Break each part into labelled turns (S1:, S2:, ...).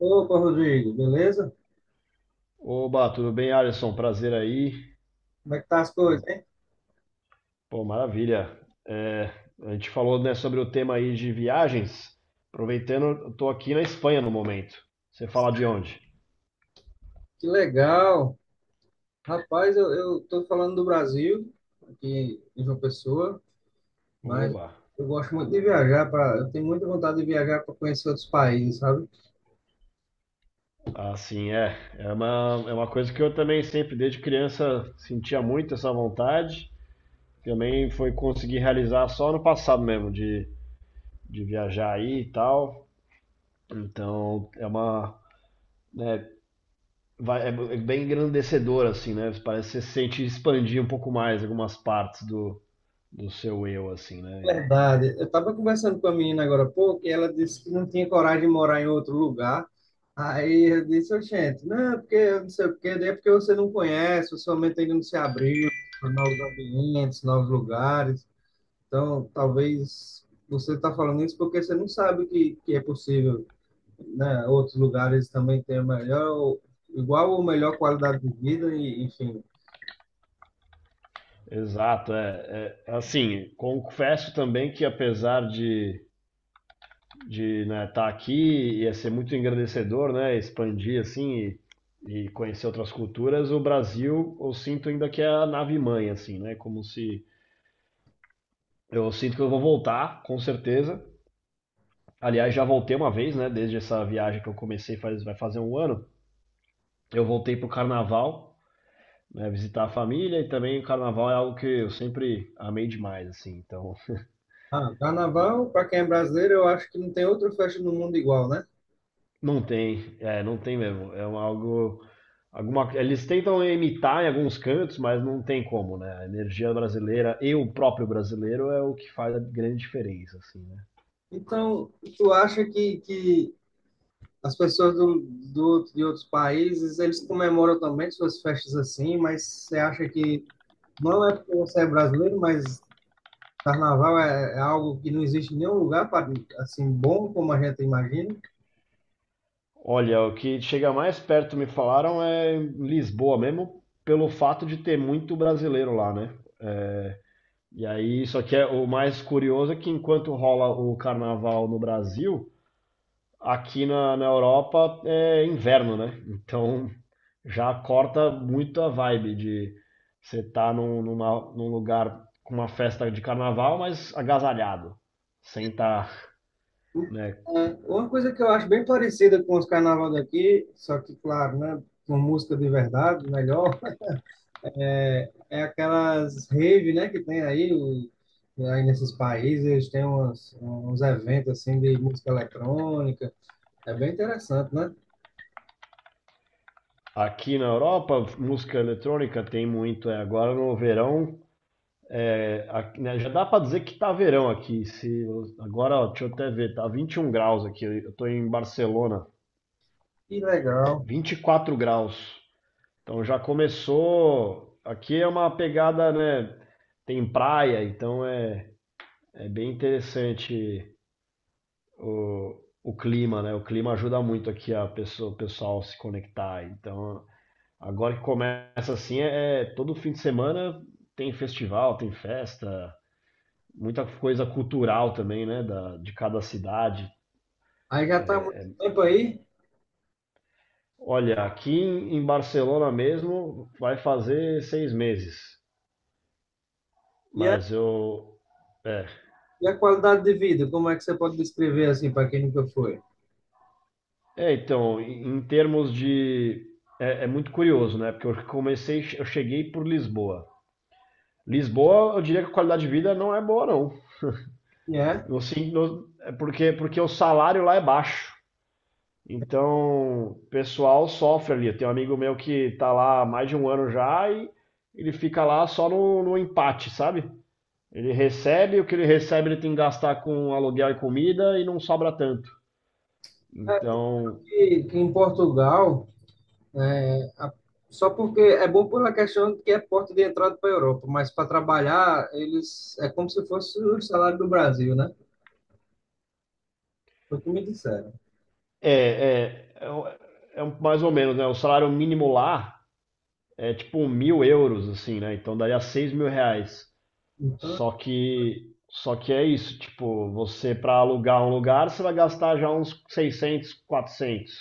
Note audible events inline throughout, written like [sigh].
S1: Opa, Rodrigo, beleza?
S2: Oba, tudo bem, Alisson? Prazer aí.
S1: Como é que tá as coisas,
S2: Como-
S1: hein?
S2: Pô, maravilha. É, a gente falou, né, sobre o tema aí de viagens. Aproveitando, eu tô aqui na Espanha no momento. Você fala de onde?
S1: Que legal! Rapaz, eu tô falando do Brasil, aqui em João Pessoa, mas
S2: Oba.
S1: eu gosto muito de viajar, eu tenho muita vontade de viajar para conhecer outros países, sabe?
S2: Assim, é. É uma coisa que eu também sempre, desde criança, sentia muito essa vontade. Também foi conseguir realizar só no passado mesmo, de viajar aí e tal. Então, é uma, né, vai- é é bem engrandecedor, assim, né? Parece que você sente expandir um pouco mais algumas partes do seu eu, assim, né?
S1: Verdade. Eu tava conversando com a menina agora há pouco e ela disse que não tinha coragem de morar em outro lugar. Aí eu disse, ô, gente, não, porque eu não sei o quê, daí é porque você não conhece, sua mente ainda não se abriu para novos ambientes, novos lugares. Então, talvez você está falando isso porque você não sabe que é possível, né? Outros lugares também têm a melhor, igual ou melhor qualidade de vida, e, enfim.
S2: Exato, é. Assim, confesso também que apesar de né, estar aqui ia ser muito engrandecedor, né? Expandir, assim, e conhecer outras culturas, o Brasil eu sinto ainda que é a nave mãe, assim, né? Como se. Eu sinto que eu vou voltar, com certeza. Aliás, já voltei uma vez, né? Desde essa viagem que eu comecei faz, vai fazer um ano. Eu voltei pro carnaval, né, visitar a família e também o carnaval é algo que eu sempre amei demais, assim, então.
S1: Ah, carnaval, para quem é brasileiro, eu acho que não tem outra festa no mundo igual, né?
S2: [laughs] Não tem, é, não tem mesmo, é um algo, alguma, eles tentam imitar em alguns cantos, mas não tem como, né, a energia brasileira e o próprio brasileiro é o que faz a grande diferença, assim, né.
S1: Então, tu acha que as pessoas de outros países, eles comemoram também suas festas assim, mas você acha que não é porque você é brasileiro, mas Carnaval é algo que não existe em nenhum lugar assim bom como a gente imagina.
S2: Olha, o que chega mais perto, me falaram, é em Lisboa mesmo, pelo fato de ter muito brasileiro lá, né, e aí, só que é, o mais curioso é que enquanto rola o carnaval no Brasil, aqui na Europa é inverno, né? Então já corta muito a vibe de você estar tá num lugar com uma festa de carnaval, mas agasalhado, sem estar, né?
S1: É, uma coisa que eu acho bem parecida com os carnaval daqui, só que claro, né, com música de verdade, melhor, [laughs] é aquelas rave, né, que tem aí, aí nesses países, eles têm uns eventos assim de música eletrônica. É bem interessante, né?
S2: Aqui na Europa, música eletrônica tem muito. É, agora no verão, é, aqui, né, já dá pra dizer que tá verão aqui. Se, Agora, ó, deixa eu até ver, tá 21 graus aqui. Eu tô em Barcelona,
S1: Que legal.
S2: 24 graus. Então já começou. Aqui é uma pegada, né? Tem praia, então é bem interessante o, o clima, né? O clima ajuda muito aqui a pessoa, o pessoal se conectar. Então agora que começa assim, todo fim de semana tem festival, tem festa, muita coisa cultural também, né? Da, de cada cidade.
S1: Aí já está há muito tempo aí.
S2: Olha, aqui em Barcelona mesmo vai fazer 6 meses,
S1: E a,
S2: mas eu. é,
S1: e a qualidade de vida, como é que você pode descrever assim para quem nunca foi?
S2: Então, em termos de. É, é muito curioso, né? Porque eu comecei, eu cheguei por Lisboa. Lisboa, eu diria que a qualidade de vida não é boa, não.
S1: E é
S2: Assim, é porque o salário lá é baixo. Então, o pessoal sofre ali. Tem um amigo meu que tá lá há mais de um ano já e ele fica lá só no empate, sabe? Ele recebe, o que ele recebe ele tem que gastar com aluguel e comida e não sobra tanto. Então,
S1: que em Portugal, né, só porque é bom pela questão de que é porta de entrada para a Europa, mas para trabalhar, eles é como se fosse o salário do Brasil, né? Foi o que me disseram.
S2: É, é, é, o- mais ou menos, né? O salário mínimo lá é tipo 1.000 euros, assim, né? Então daria 6.000 reais.
S1: Então,
S2: Só que é isso, tipo, você para alugar um lugar, você vai gastar já uns 600, 400,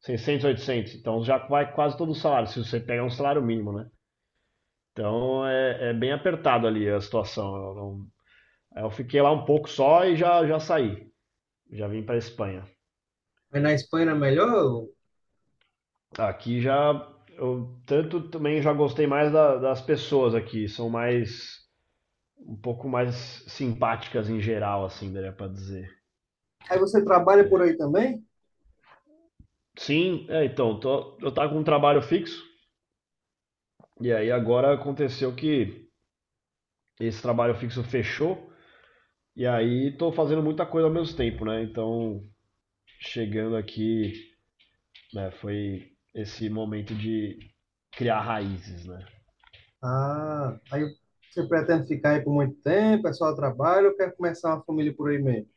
S2: 600, 800. Então já vai quase todo o salário, se você pegar um salário mínimo, né? Então é bem apertado ali a situação. Eu, não- Eu fiquei lá um pouco só e já saí. Já vim para Espanha.
S1: aí na Espanha é melhor?
S2: Aqui já, eu tanto também já gostei mais das pessoas aqui, são mais, um pouco mais simpáticas em geral, assim, daria pra dizer.
S1: Aí você trabalha por aí também?
S2: Sim, é, então, eu tava com um trabalho fixo, e aí agora aconteceu que esse trabalho fixo fechou, e aí tô fazendo muita coisa ao mesmo tempo, né? Então, chegando aqui, né, foi esse momento de criar raízes, né?
S1: Ah, aí você pretende ficar aí por muito tempo, é só trabalho, ou quer começar uma família por aí mesmo?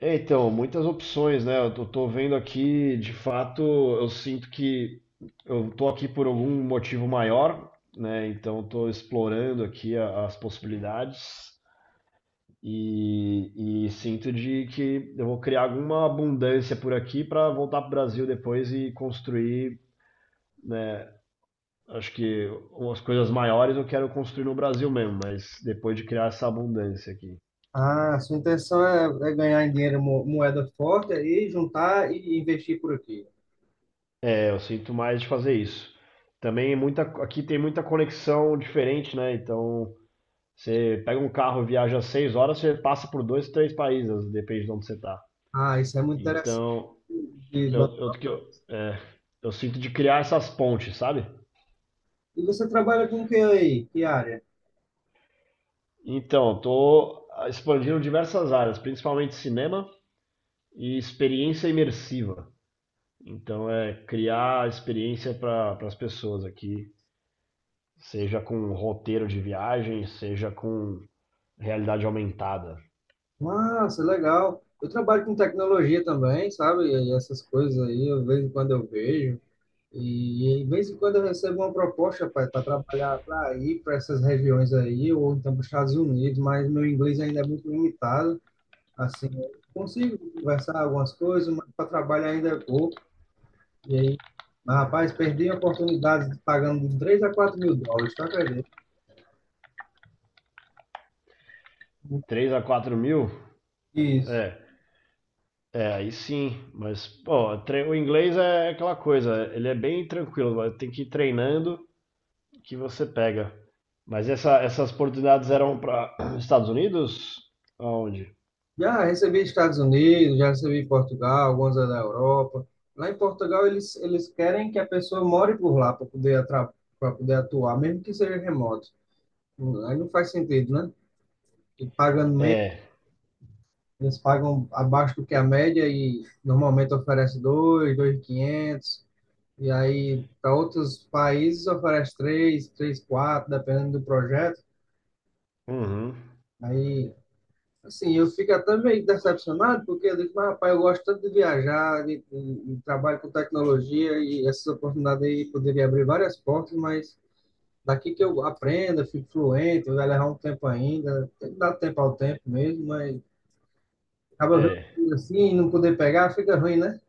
S2: É, então, muitas opções, né? Eu tô vendo aqui, de fato, eu sinto que eu tô aqui por algum motivo maior, né? Então, estou explorando aqui as possibilidades e sinto de que eu vou criar alguma abundância por aqui para voltar para o Brasil depois e construir, né? Acho que umas coisas maiores eu quero construir no Brasil mesmo, mas depois de criar essa abundância aqui.
S1: Ah, sua intenção é, é ganhar em dinheiro, moeda forte, aí juntar e investir por aqui.
S2: É, eu sinto mais de fazer isso. Também muita, aqui tem muita conexão diferente, né? Então, você pega um carro, viaja 6 horas, você passa por dois, três países, depende de onde você tá.
S1: Ah, isso é muito interessante.
S2: Então,
S1: E ba-
S2: eu, que eu, é, eu sinto de criar essas pontes, sabe?
S1: e você trabalha com o que aí? Que área?
S2: Então, tô expandindo diversas áreas, principalmente cinema e experiência imersiva. Então, é criar experiência para as pessoas aqui, seja com roteiro de viagem, seja com realidade aumentada.
S1: Nossa, legal. Eu trabalho com tecnologia também, sabe? E essas coisas aí, de vez em quando eu vejo. E de vez em quando eu recebo uma proposta para trabalhar para ir para essas regiões aí, ou então para os Estados Unidos, mas meu inglês ainda é muito limitado. Assim, eu consigo conversar algumas coisas, mas para trabalhar ainda é pouco. E aí, mas, rapaz, perdi a oportunidade de pagando de 3 a 4 mil dólares, tá acredito?
S2: Três a 4 mil?
S1: Isso.
S2: É, é, aí sim. Mas, pô, o inglês é aquela coisa, ele é bem tranquilo, mas tem que ir treinando que você pega. Mas essas oportunidades eram para [clears throat] Estados Unidos? Aonde?
S1: Já recebi Estados Unidos, já recebi Portugal, algumas da Europa. Lá em Portugal, eles querem que a pessoa more por lá para poder, pra poder atuar, mesmo que seja remoto. Aí não faz sentido, né? E pagando menos,
S2: É,
S1: eles pagam abaixo do que a média e normalmente oferece dois, 2.500. E aí, para outros países, oferece três, três, quatro, dependendo do projeto.
S2: uhum,
S1: Aí assim, eu fico até meio decepcionado, porque eu digo, mas, rapaz, eu gosto tanto de viajar, de trabalho com tecnologia, e essas oportunidades aí poderia abrir várias portas, mas daqui que eu aprenda, fico fluente, vai levar um tempo ainda, tem que dar tempo ao tempo mesmo, mas acaba
S2: é.
S1: vendo assim, e não poder pegar, fica ruim, né?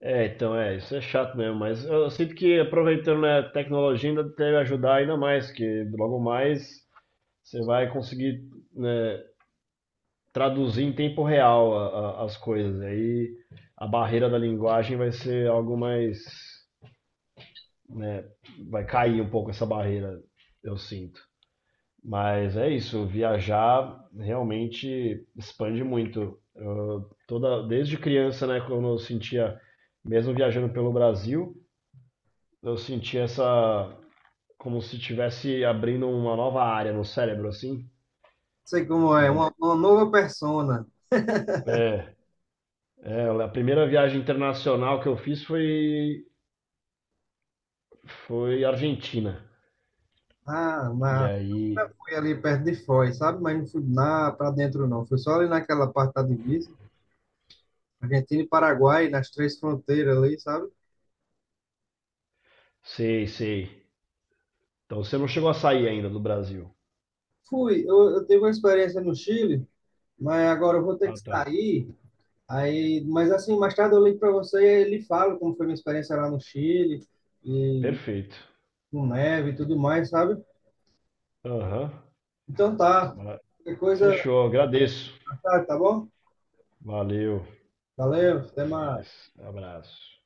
S2: É, então é, isso é chato mesmo, mas eu sinto que aproveitando né, a tecnologia ainda deve ajudar ainda mais, que logo mais você vai conseguir, né, traduzir em tempo real as coisas. Aí a barreira da linguagem vai ser algo mais, né, vai cair um pouco essa barreira, eu sinto. Mas é isso, viajar realmente expande muito. Eu, toda, desde criança, né, quando eu sentia, mesmo viajando pelo Brasil, eu sentia essa, como se estivesse abrindo uma nova área no cérebro, assim,
S1: Sei como é,
S2: né?
S1: uma nova persona.
S2: É, é, a primeira viagem internacional que eu fiz foi Argentina.
S1: Ah,
S2: E
S1: mas
S2: aí,
S1: eu, fui ali perto de Foz, sabe? Mas não fui lá para dentro, não. Fui só ali naquela parte da divisa, Argentina e Paraguai, nas três fronteiras ali, sabe?
S2: sei, sei. Então você não chegou a sair ainda do Brasil.
S1: Fui, eu tive uma experiência no Chile, mas agora eu vou ter que
S2: Ah, tá.
S1: sair. Aí, mas assim, mais tarde eu ligo para você e lhe falo como foi minha experiência lá no Chile, e
S2: Perfeito.
S1: com neve e tudo mais, sabe?
S2: Aham.
S1: Então tá,
S2: Ma-
S1: qualquer coisa,
S2: Fechou, agradeço.
S1: tá, tá bom?
S2: Valeu.
S1: Valeu, até
S2: Até
S1: mais.
S2: mais. Abraço.